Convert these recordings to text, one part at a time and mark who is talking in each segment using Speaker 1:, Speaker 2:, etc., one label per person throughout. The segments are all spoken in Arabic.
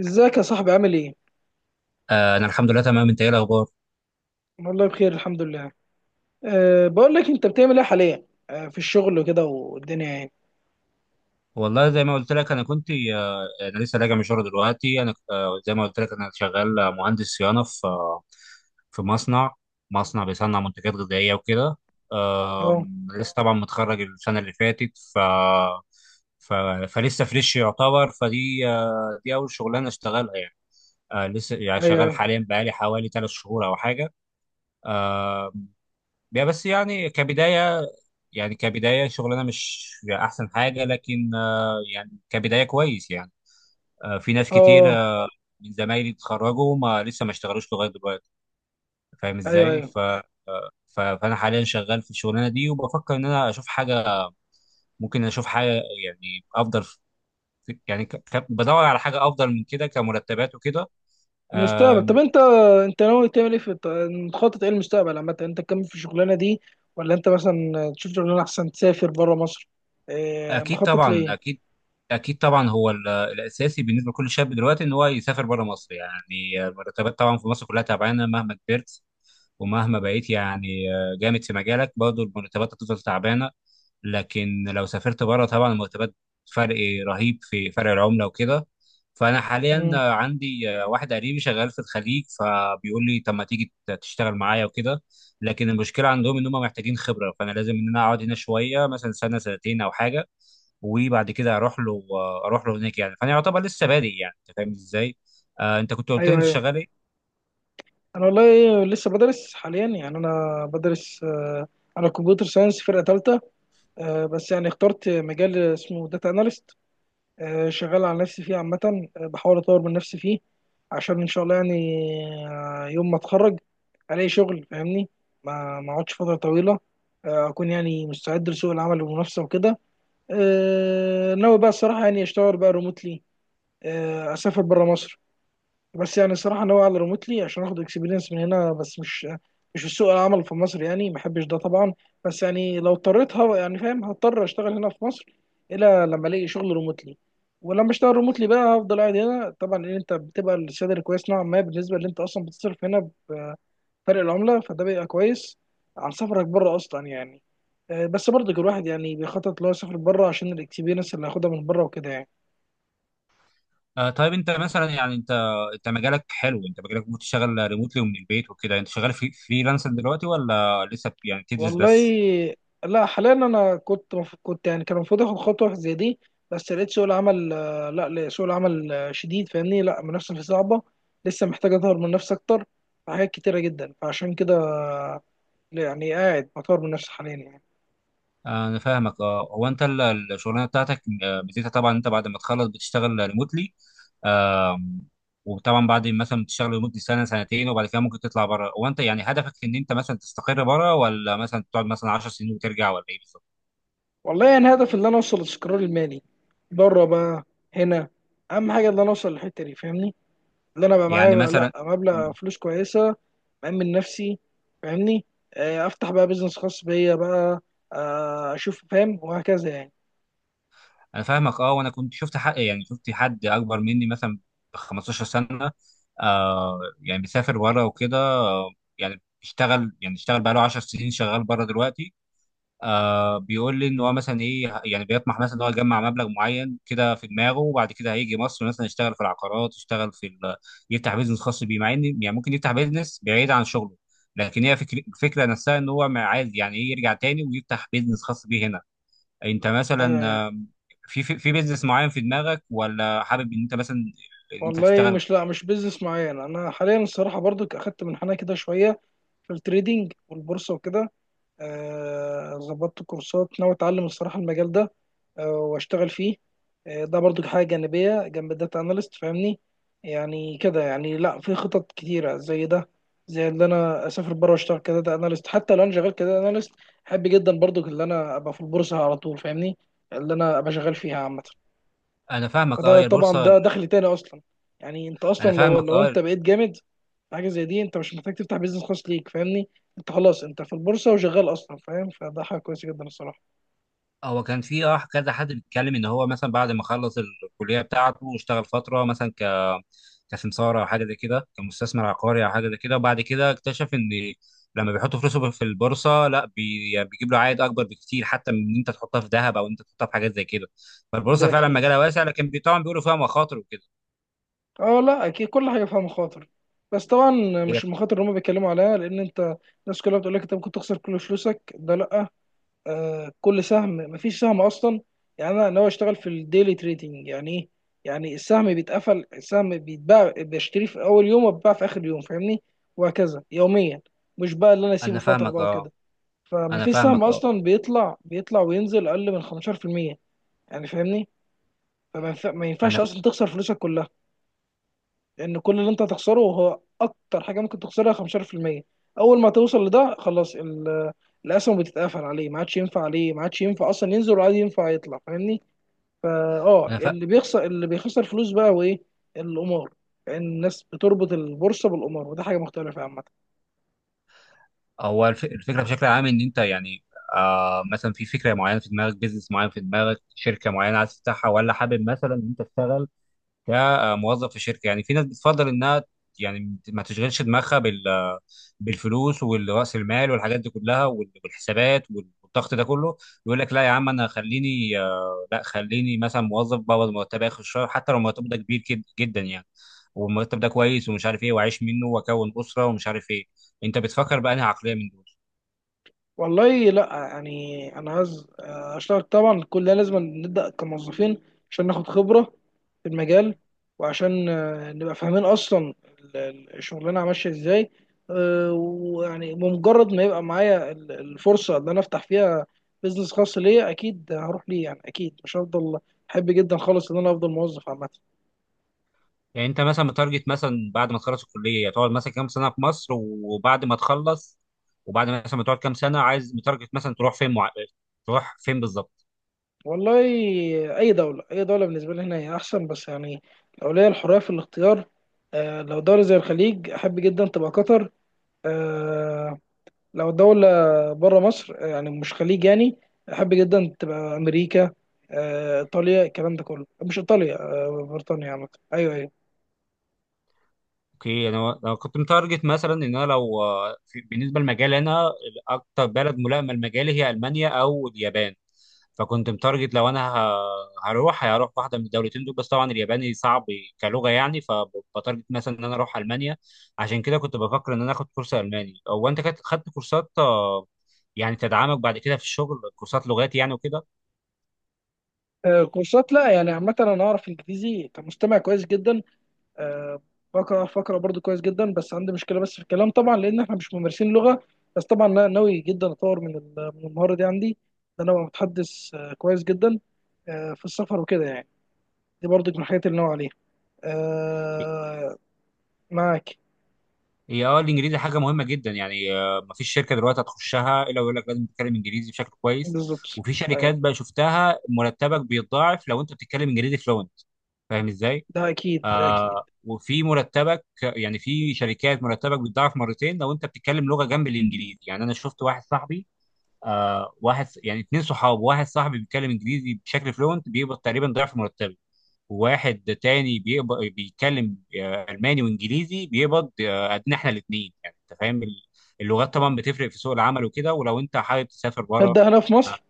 Speaker 1: ازيك يا صاحبي، عامل ايه؟
Speaker 2: انا الحمد لله تمام. انت ايه الاخبار؟
Speaker 1: والله بخير الحمد لله. بقول لك انت بتعمل ايه حاليا؟ في الشغل وكده والدنيا يعني.
Speaker 2: والله زي ما قلت لك انا كنت انا لسه راجع من الشغل دلوقتي. انا زي ما قلت لك انا شغال مهندس صيانه في مصنع بيصنع منتجات غذائيه وكده.
Speaker 1: اه
Speaker 2: لسه طبعا متخرج السنه اللي فاتت. ف ف فلسه فريش يعتبر. فدي آه، دي اول شغلانه اشتغلها يعني. لسه يعني
Speaker 1: ايوه
Speaker 2: شغال
Speaker 1: ايوه
Speaker 2: حاليا بقالي حوالي 3 شهور او حاجه. آه، يا بس يعني كبداية شغلنا مش أحسن حاجة، لكن يعني كبداية كويس يعني. في ناس كتير
Speaker 1: اه
Speaker 2: من زمايلي اتخرجوا ما لسه ما اشتغلوش لغاية دلوقتي، فاهم
Speaker 1: ايوه
Speaker 2: ازاي؟
Speaker 1: ايوه
Speaker 2: فأنا حاليا شغال في الشغلانة دي، وبفكر إن أنا أشوف حاجة، ممكن أشوف حاجة يعني أفضل، في يعني بدور على حاجة أفضل من كده كمرتبات وكده.
Speaker 1: المستقبل.
Speaker 2: آه،
Speaker 1: طب انت انت ناوي تعمل ايه مخطط ايه المستقبل عامة؟ انت تكمل في الشغلانة دي ولا انت مثلا تشوف شغلانة احسن تسافر بره مصر؟ أه
Speaker 2: اكيد
Speaker 1: مخطط
Speaker 2: طبعا،
Speaker 1: ليه؟
Speaker 2: اكيد، اكيد طبعا. هو الاساسي بالنسبه لكل شاب دلوقتي ان هو يسافر بره مصر. يعني المرتبات طبعا في مصر كلها تعبانه مهما كبرت، ومهما بقيت يعني جامد في مجالك، برضه المرتبات هتفضل تعبانه. لكن لو سافرت بره طبعا المرتبات فرق، رهيب في فرق العمله وكده. فانا حاليا
Speaker 1: مم.
Speaker 2: عندي واحد قريبي شغال في الخليج، فبيقول لي طب ما تيجي تشتغل معايا وكده. لكن المشكله عندهم ان هم محتاجين خبره، فانا لازم ان انا اقعد هنا شويه مثلا سنه سنتين او حاجه وبعد كده اروح له. اروح له هناك يعني، فانا يعتبر لسه بادئ يعني. انت فاهم ازاي؟ انت كنت قلت لي
Speaker 1: ايوه
Speaker 2: انت
Speaker 1: ايوه.
Speaker 2: شغال ايه؟
Speaker 1: انا والله لسه بدرس حاليا، يعني انا بدرس على كمبيوتر ساينس فرقة تالتة. بس يعني اخترت مجال اسمه داتا اناليست، شغال على نفسي فيه عامة. بحاول أطور من نفسي فيه عشان إن شاء الله يعني، يوم ما أتخرج ألاقي شغل فاهمني، ما أقعدش فترة طويلة. أكون يعني مستعد لسوق العمل والمنافسة وكده. ناوي بقى الصراحة يعني أشتغل بقى ريموتلي، أسافر برا مصر. بس يعني الصراحه ناوي على ريموتلي عشان اخد اكسبيرينس من هنا، بس مش في سوق العمل في مصر، يعني ما بحبش ده طبعا. بس يعني لو اضطريت يعني فاهم هضطر اشتغل هنا في مصر، الا لما الاقي شغل ريموتلي. ولما اشتغل ريموتلي بقى هفضل قاعد هنا طبعا، ان انت بتبقى السالري كويس نوعا ما بالنسبه اللي انت اصلا بتصرف هنا بفرق العمله، فده بيبقى كويس عن سفرك بره اصلا يعني. بس برضه الواحد يعني بيخطط لو يسافر بره عشان الاكسبيرينس اللي هياخدها من بره وكده يعني.
Speaker 2: طيب انت مثلا يعني انت مجالك حلو، انت مجالك ممكن تشتغل ريموتلي ومن البيت وكده. انت شغال في فريلانسر دلوقتي ولا لسه يعني بتدرس
Speaker 1: والله
Speaker 2: بس؟
Speaker 1: لا، حاليا انا كنت يعني كان المفروض اخد خطوه زي دي، بس لقيت سوق العمل لا لا، سوق العمل شديد، فاهمني، لا المنافسه فيه صعبه، لسه محتاج اطور من نفسي اكتر في حاجات كتيره جدا، فعشان كده يعني قاعد بطور من نفسي حاليا يعني.
Speaker 2: انا فاهمك. اه، هو انت الشغلانه بتاعتك ميزتها طبعا انت بعد ما تخلص بتشتغل ريموتلي. آه وطبعا بعد مثلا تشتغل لمده سنه سنتين، وبعد كده ممكن تطلع بره. هو انت يعني هدفك ان انت مثلا تستقر بره، ولا مثلا تقعد مثلا 10 سنين وترجع، ولا ايه بالظبط؟
Speaker 1: والله يعني هدف ان انا اوصل للاستقرار المالي، بره بقى هنا، اهم حاجه ان انا اوصل للحته دي فاهمني، ان انا بقى
Speaker 2: يعني
Speaker 1: معايا لا
Speaker 2: مثلا.
Speaker 1: مبلغ
Speaker 2: مم.
Speaker 1: فلوس كويسه، مأمن نفسي فاهمني. افتح بقى بيزنس خاص بيا بقى، اشوف فاهم، وهكذا يعني.
Speaker 2: انا فاهمك. اه، وانا كنت شفت حق، يعني شفت حد اكبر مني مثلا ب 15 سنه. يعني بيسافر بره وكده. يعني بيشتغل، يعني اشتغل بقاله 10 سنين شغال بره دلوقتي. بيقول لي ان هو مثلا ايه، يعني بيطمح مثلا ان هو يجمع مبلغ معين كده في دماغه، وبعد كده هيجي مصر مثلا يشتغل في العقارات، يشتغل في يفتح بيزنس خاص بيه، مع ان يعني ممكن يفتح بيزنس بعيد عن شغله. لكن الفكره نفسها ان هو ما عايز يعني ايه، يرجع تاني ويفتح بيزنس خاص بيه هنا. انت مثلا
Speaker 1: ايوه ايوه.
Speaker 2: في بيزنس معين في دماغك، ولا حابب ان انت مثلا ان انت
Speaker 1: والله
Speaker 2: تشتغل؟
Speaker 1: مش، لا مش بيزنس معين، انا حاليا الصراحه برضو اخدت منحنى كده شويه في التريدينج والبورصه وكده. ظبطت كورسات ناوي اتعلم الصراحه المجال ده، واشتغل فيه. ده برضو حاجه جانبيه جنب الداتا اناليست فاهمني، يعني كده، يعني لا في خطط كتيره زي ده، زي اللي انا اسافر بره واشتغل كداتا اناليست. حتى لو انا شغال كداتا اناليست، احب جدا برضو اللي انا ابقى في البورصه على طول فاهمني، اللي انا ابقى شغال فيها عامه.
Speaker 2: انا فاهمك. اه،
Speaker 1: فده
Speaker 2: يا
Speaker 1: طبعا
Speaker 2: البورصه.
Speaker 1: ده دخل تاني اصلا، يعني انت اصلا
Speaker 2: انا
Speaker 1: لو
Speaker 2: فاهمك.
Speaker 1: لو
Speaker 2: اه،
Speaker 1: انت بقيت جامد في حاجه زي دي انت مش محتاج تفتح بيزنس خاص ليك فاهمني، انت خلاص انت في البورصه وشغال اصلا فاهم، فده حاجه كويسه جدا الصراحه.
Speaker 2: هو كان في كذا حد بيتكلم ان هو مثلا بعد ما خلص الكليه بتاعته واشتغل فتره مثلا كسمساره او حاجه زي كده، كمستثمر عقاري او حاجه زي كده. وبعد كده اكتشف ان لما بيحط فلوسه في البورصه، لا بي يعني بيجيب له عائد اكبر بكتير، حتى من ان انت تحطها في ذهب، او ان انت تحطها في حاجات زي كده. فالبورصه
Speaker 1: ده
Speaker 2: فعلا
Speaker 1: اكيد.
Speaker 2: مجالها واسع، لكن طبعا بيقولوا فيها مخاطر وكده.
Speaker 1: اه لا اكيد كل حاجه فيها مخاطر، بس طبعا
Speaker 2: هي،
Speaker 1: مش المخاطر اللي هم بيتكلموا عليها، لان انت الناس كلها بتقول لك انت ممكن تخسر كل فلوسك، ده لا. آه كل سهم، مفيش سهم اصلا، يعني انا ناوي اشتغل في الديلي تريدنج يعني ايه، يعني السهم بيتقفل، السهم بيتباع، بشتريه في اول يوم وبيتباع في اخر يوم فاهمني، وهكذا يوميا، مش بقى اللي انا اسيبه
Speaker 2: انا
Speaker 1: فتره
Speaker 2: فاهمك.
Speaker 1: بقى
Speaker 2: اه،
Speaker 1: وكده.
Speaker 2: انا
Speaker 1: فمفيش سهم
Speaker 2: فاهمك. اه،
Speaker 1: اصلا بيطلع وينزل اقل من 15%، يعني فاهمني. ما ينفعش
Speaker 2: انا
Speaker 1: اصلا تخسر فلوسك كلها، لان كل اللي انت هتخسره هو اكتر حاجه ممكن تخسرها 15%. اول ما توصل لده خلاص الاسهم بتتقفل عليه، ما عادش ينفع عليه، ما عادش ينفع اصلا ينزل ولا عاد ينفع يطلع فاهمني. فا اه،
Speaker 2: انا فا...
Speaker 1: اللي بيخسر، اللي بيخسر فلوس بقى هو ايه؟ القمار، لان الناس بتربط البورصه بالقمار وده حاجه مختلفه عامه.
Speaker 2: هو الفكره بشكل عام ان انت يعني مثلا في فكره معينه في دماغك، بيزنس معين في دماغك، شركه معينه عايز تفتحها، ولا حابب مثلا ان انت تشتغل كموظف في شركه. يعني في ناس بتفضل انها يعني ما تشغلش دماغها بالفلوس والرأس المال والحاجات دي كلها، والحسابات والضغط ده كله. يقول لك لا يا عم، انا خليني لا خليني مثلا موظف بقبض مرتب اخر الشهر، حتى لو مرتب ده كبير جدا يعني، والمرتب ده كويس ومش عارف ايه، واعيش منه واكون اسره ومش عارف ايه. انت بتفكر بقى انهي عقليه من دول؟
Speaker 1: والله لا يعني انا عايز، اشتغل طبعا، كل ده لازم نبدا كموظفين عشان ناخد خبره في المجال، وعشان نبقى فاهمين اصلا الشغلانه ماشيه ازاي. ويعني بمجرد ما يبقى معايا الفرصه اللي انا افتح فيها بيزنس خاص ليا اكيد هروح ليه، يعني اكيد مش هفضل. احب جدا خالص ان انا افضل موظف عامه.
Speaker 2: يعني انت مثلا متارجت مثلا بعد ما تخلص الكليه تقعد مثلا كام سنه في مصر، وبعد ما تخلص، وبعد مثلا ما تقعد كام سنه عايز متارجت مثلا تروح فين بالظبط؟
Speaker 1: والله اي دوله، اي دوله بالنسبه لي هنا هي احسن، بس يعني لو ليا الحريه في الاختيار، آه لو دوله زي الخليج احب جدا تبقى قطر. آه لو دوله بره مصر يعني مش خليج يعني، احب جدا تبقى امريكا، آه ايطاليا، الكلام ده كله، مش ايطاليا، آه بريطانيا عامه. ايوه ايوه.
Speaker 2: اوكي. انا لو كنت متارجت مثلا ان انا، لو بالنسبه لمجال انا، اكتر بلد ملائمه لمجالي هي المانيا او اليابان. فكنت متارجت لو انا هروح واحده من الدولتين دول، بس طبعا الياباني صعب كلغه يعني. فبتارجت مثلا ان انا اروح المانيا. عشان كده كنت بفكر ان انا اخد كورس الماني. هو انت خدت كورسات يعني تدعمك بعد كده في الشغل، كورسات لغات يعني وكده؟
Speaker 1: آه كورسات، لا يعني عامه انا اعرف انجليزي كمستمع كويس جدا، آه، بقرا فقرة برضو كويس جدا، بس عندي مشكلة بس في الكلام طبعا، لأن احنا مش ممارسين لغة. بس طبعا أنا ناوي جدا أطور من من المهارة دي عندي، إن أنا أبقى متحدث كويس جدا في السفر وكده يعني. دي برضو من الحاجات اللي ناوي عليها. آه، معاك.
Speaker 2: هي، اه الانجليزي حاجه مهمه جدا يعني. ما فيش شركه دلوقتي هتخشها الا ويقول لك لازم تتكلم انجليزي بشكل كويس.
Speaker 1: بالظبط.
Speaker 2: وفي
Speaker 1: أيوة
Speaker 2: شركات بقى شفتها مرتبك بيتضاعف لو انت بتتكلم انجليزي فلوينت، فاهم ازاي؟
Speaker 1: ده أكيد، ده أكيد.
Speaker 2: وفي مرتبك يعني، في شركات مرتبك بيتضاعف مرتين لو انت بتتكلم لغه جنب الانجليزي. يعني انا شفت واحد صاحبي، واحد يعني 2 صحاب. واحد صاحبي بيتكلم انجليزي بشكل فلوينت بيقبض تقريبا ضعف مرتبه، وواحد تاني بيقبض بيتكلم الماني وانجليزي بيقبض قدنا احنا الاثنين. يعني انت فاهم، اللغات طبعا بتفرق في سوق العمل وكده، ولو انت حابب تسافر بره.
Speaker 1: هبدأ هنا في
Speaker 2: آه،
Speaker 1: مصر.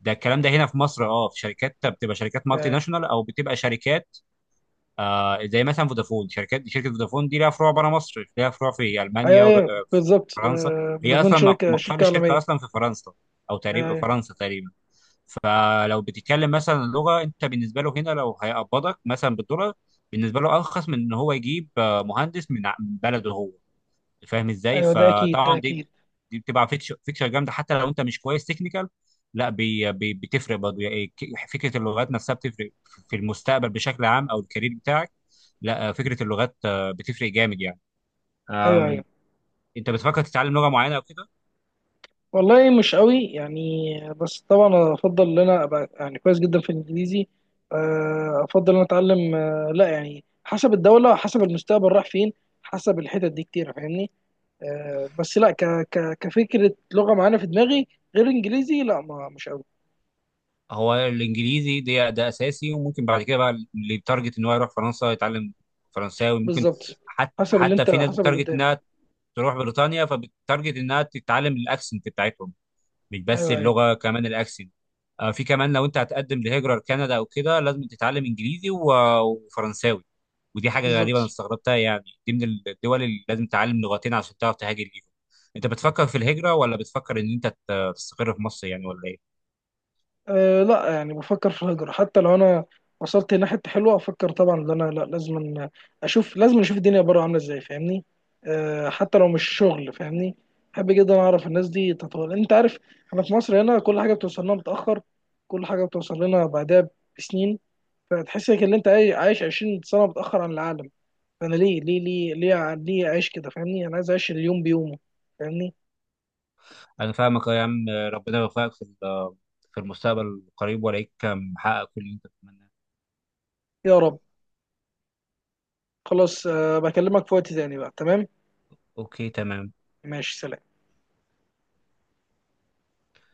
Speaker 2: ده الكلام ده هنا في مصر. اه في شركات بتبقى شركات مالتي
Speaker 1: آه،
Speaker 2: ناشونال، او بتبقى شركات زي مثلا فودافون. شركه فودافون دي لها فروع بره مصر، لها فروع في
Speaker 1: أيوة
Speaker 2: المانيا
Speaker 1: أيوة بالظبط،
Speaker 2: وفرنسا. هي
Speaker 1: فودافون
Speaker 2: اصلا
Speaker 1: شركة
Speaker 2: مقر
Speaker 1: شركة
Speaker 2: الشركه
Speaker 1: عالمية.
Speaker 2: اصلا في فرنسا، او تقريبا
Speaker 1: أيوة
Speaker 2: فرنسا تقريبا. فلو بتتكلم مثلا لغه، انت بالنسبه له هنا لو هيقبضك مثلا بالدولار، بالنسبه له ارخص من ان هو يجيب مهندس من من بلده هو، فاهم ازاي؟
Speaker 1: أيوة ده أكيد، ده
Speaker 2: فطبعا
Speaker 1: أكيد.
Speaker 2: دي بتبقى فيكشر، فيكشر جامده، حتى لو انت مش كويس تكنيكال. لا، بي بي بتفرق برضه يعني. فكره اللغات نفسها بتفرق في المستقبل بشكل عام او الكارير بتاعك. لا، فكره اللغات بتفرق جامد يعني.
Speaker 1: أيوة أيوة.
Speaker 2: آم، انت بتفكر تتعلم لغه معينه او كده؟
Speaker 1: والله مش قوي يعني، بس طبعا افضل ان انا ابقى يعني كويس جدا في الانجليزي، افضل ان أنا اتعلم، لا يعني حسب الدوله، حسب المستقبل راح فين، حسب الحتت دي كتير فاهمني. بس لا ك ك كفكره لغه معانا في دماغي غير انجليزي، لا ما مش قوي.
Speaker 2: هو الانجليزي ده اساسي، وممكن بعد كده بقى اللي يتارجت ان هو يروح فرنسا يتعلم فرنساوي، ممكن.
Speaker 1: بالظبط،
Speaker 2: حتى
Speaker 1: حسب اللي
Speaker 2: حتى
Speaker 1: انت،
Speaker 2: في ناس
Speaker 1: حسب اللي
Speaker 2: بتارجت
Speaker 1: قدام.
Speaker 2: انها تروح بريطانيا، فبتارجت انها تتعلم الاكسنت بتاعتهم، مش بس
Speaker 1: ايوه ايوه
Speaker 2: اللغه كمان الاكسنت. في كمان لو انت هتقدم لهجره لكندا او كده لازم تتعلم انجليزي وفرنساوي. ودي حاجه غريبه
Speaker 1: بالظبط.
Speaker 2: انا استغربتها يعني، دي من الدول اللي لازم تتعلم لغتين عشان تعرف تهاجر ليهم. انت بتفكر في الهجره، ولا بتفكر ان انت تستقر في مصر يعني، ولا ايه؟
Speaker 1: أه لا، يعني بفكر في الهجرة. حتى لو انا وصلت لحتة حلوة افكر طبعا ان انا، لا لازم اشوف، لازم اشوف الدنيا بره عاملة ازاي فاهمني، أه حتى لو مش شغل فاهمني، بحب جدا اعرف الناس دي تطول، انت عارف احنا في مصر هنا كل حاجة بتوصل لنا متأخر، كل حاجة بتوصل لنا بعدها بسنين، فتحس انك ان انت عايش 20 سنة متأخر عن العالم. فانا ليه ليه ليه ليه ليه اعيش كده فاهمني، انا عايز اعيش اليوم بيومه فاهمني.
Speaker 2: انا فاهمك. أه يا عم، ربنا يوفقك في المستقبل القريب، والاقيك محقق كل اللي انت بتتمناه.
Speaker 1: يا رب. خلاص أه بكلمك في وقت تاني بقى، تمام.
Speaker 2: اوكي تمام.
Speaker 1: ماشي، سلام.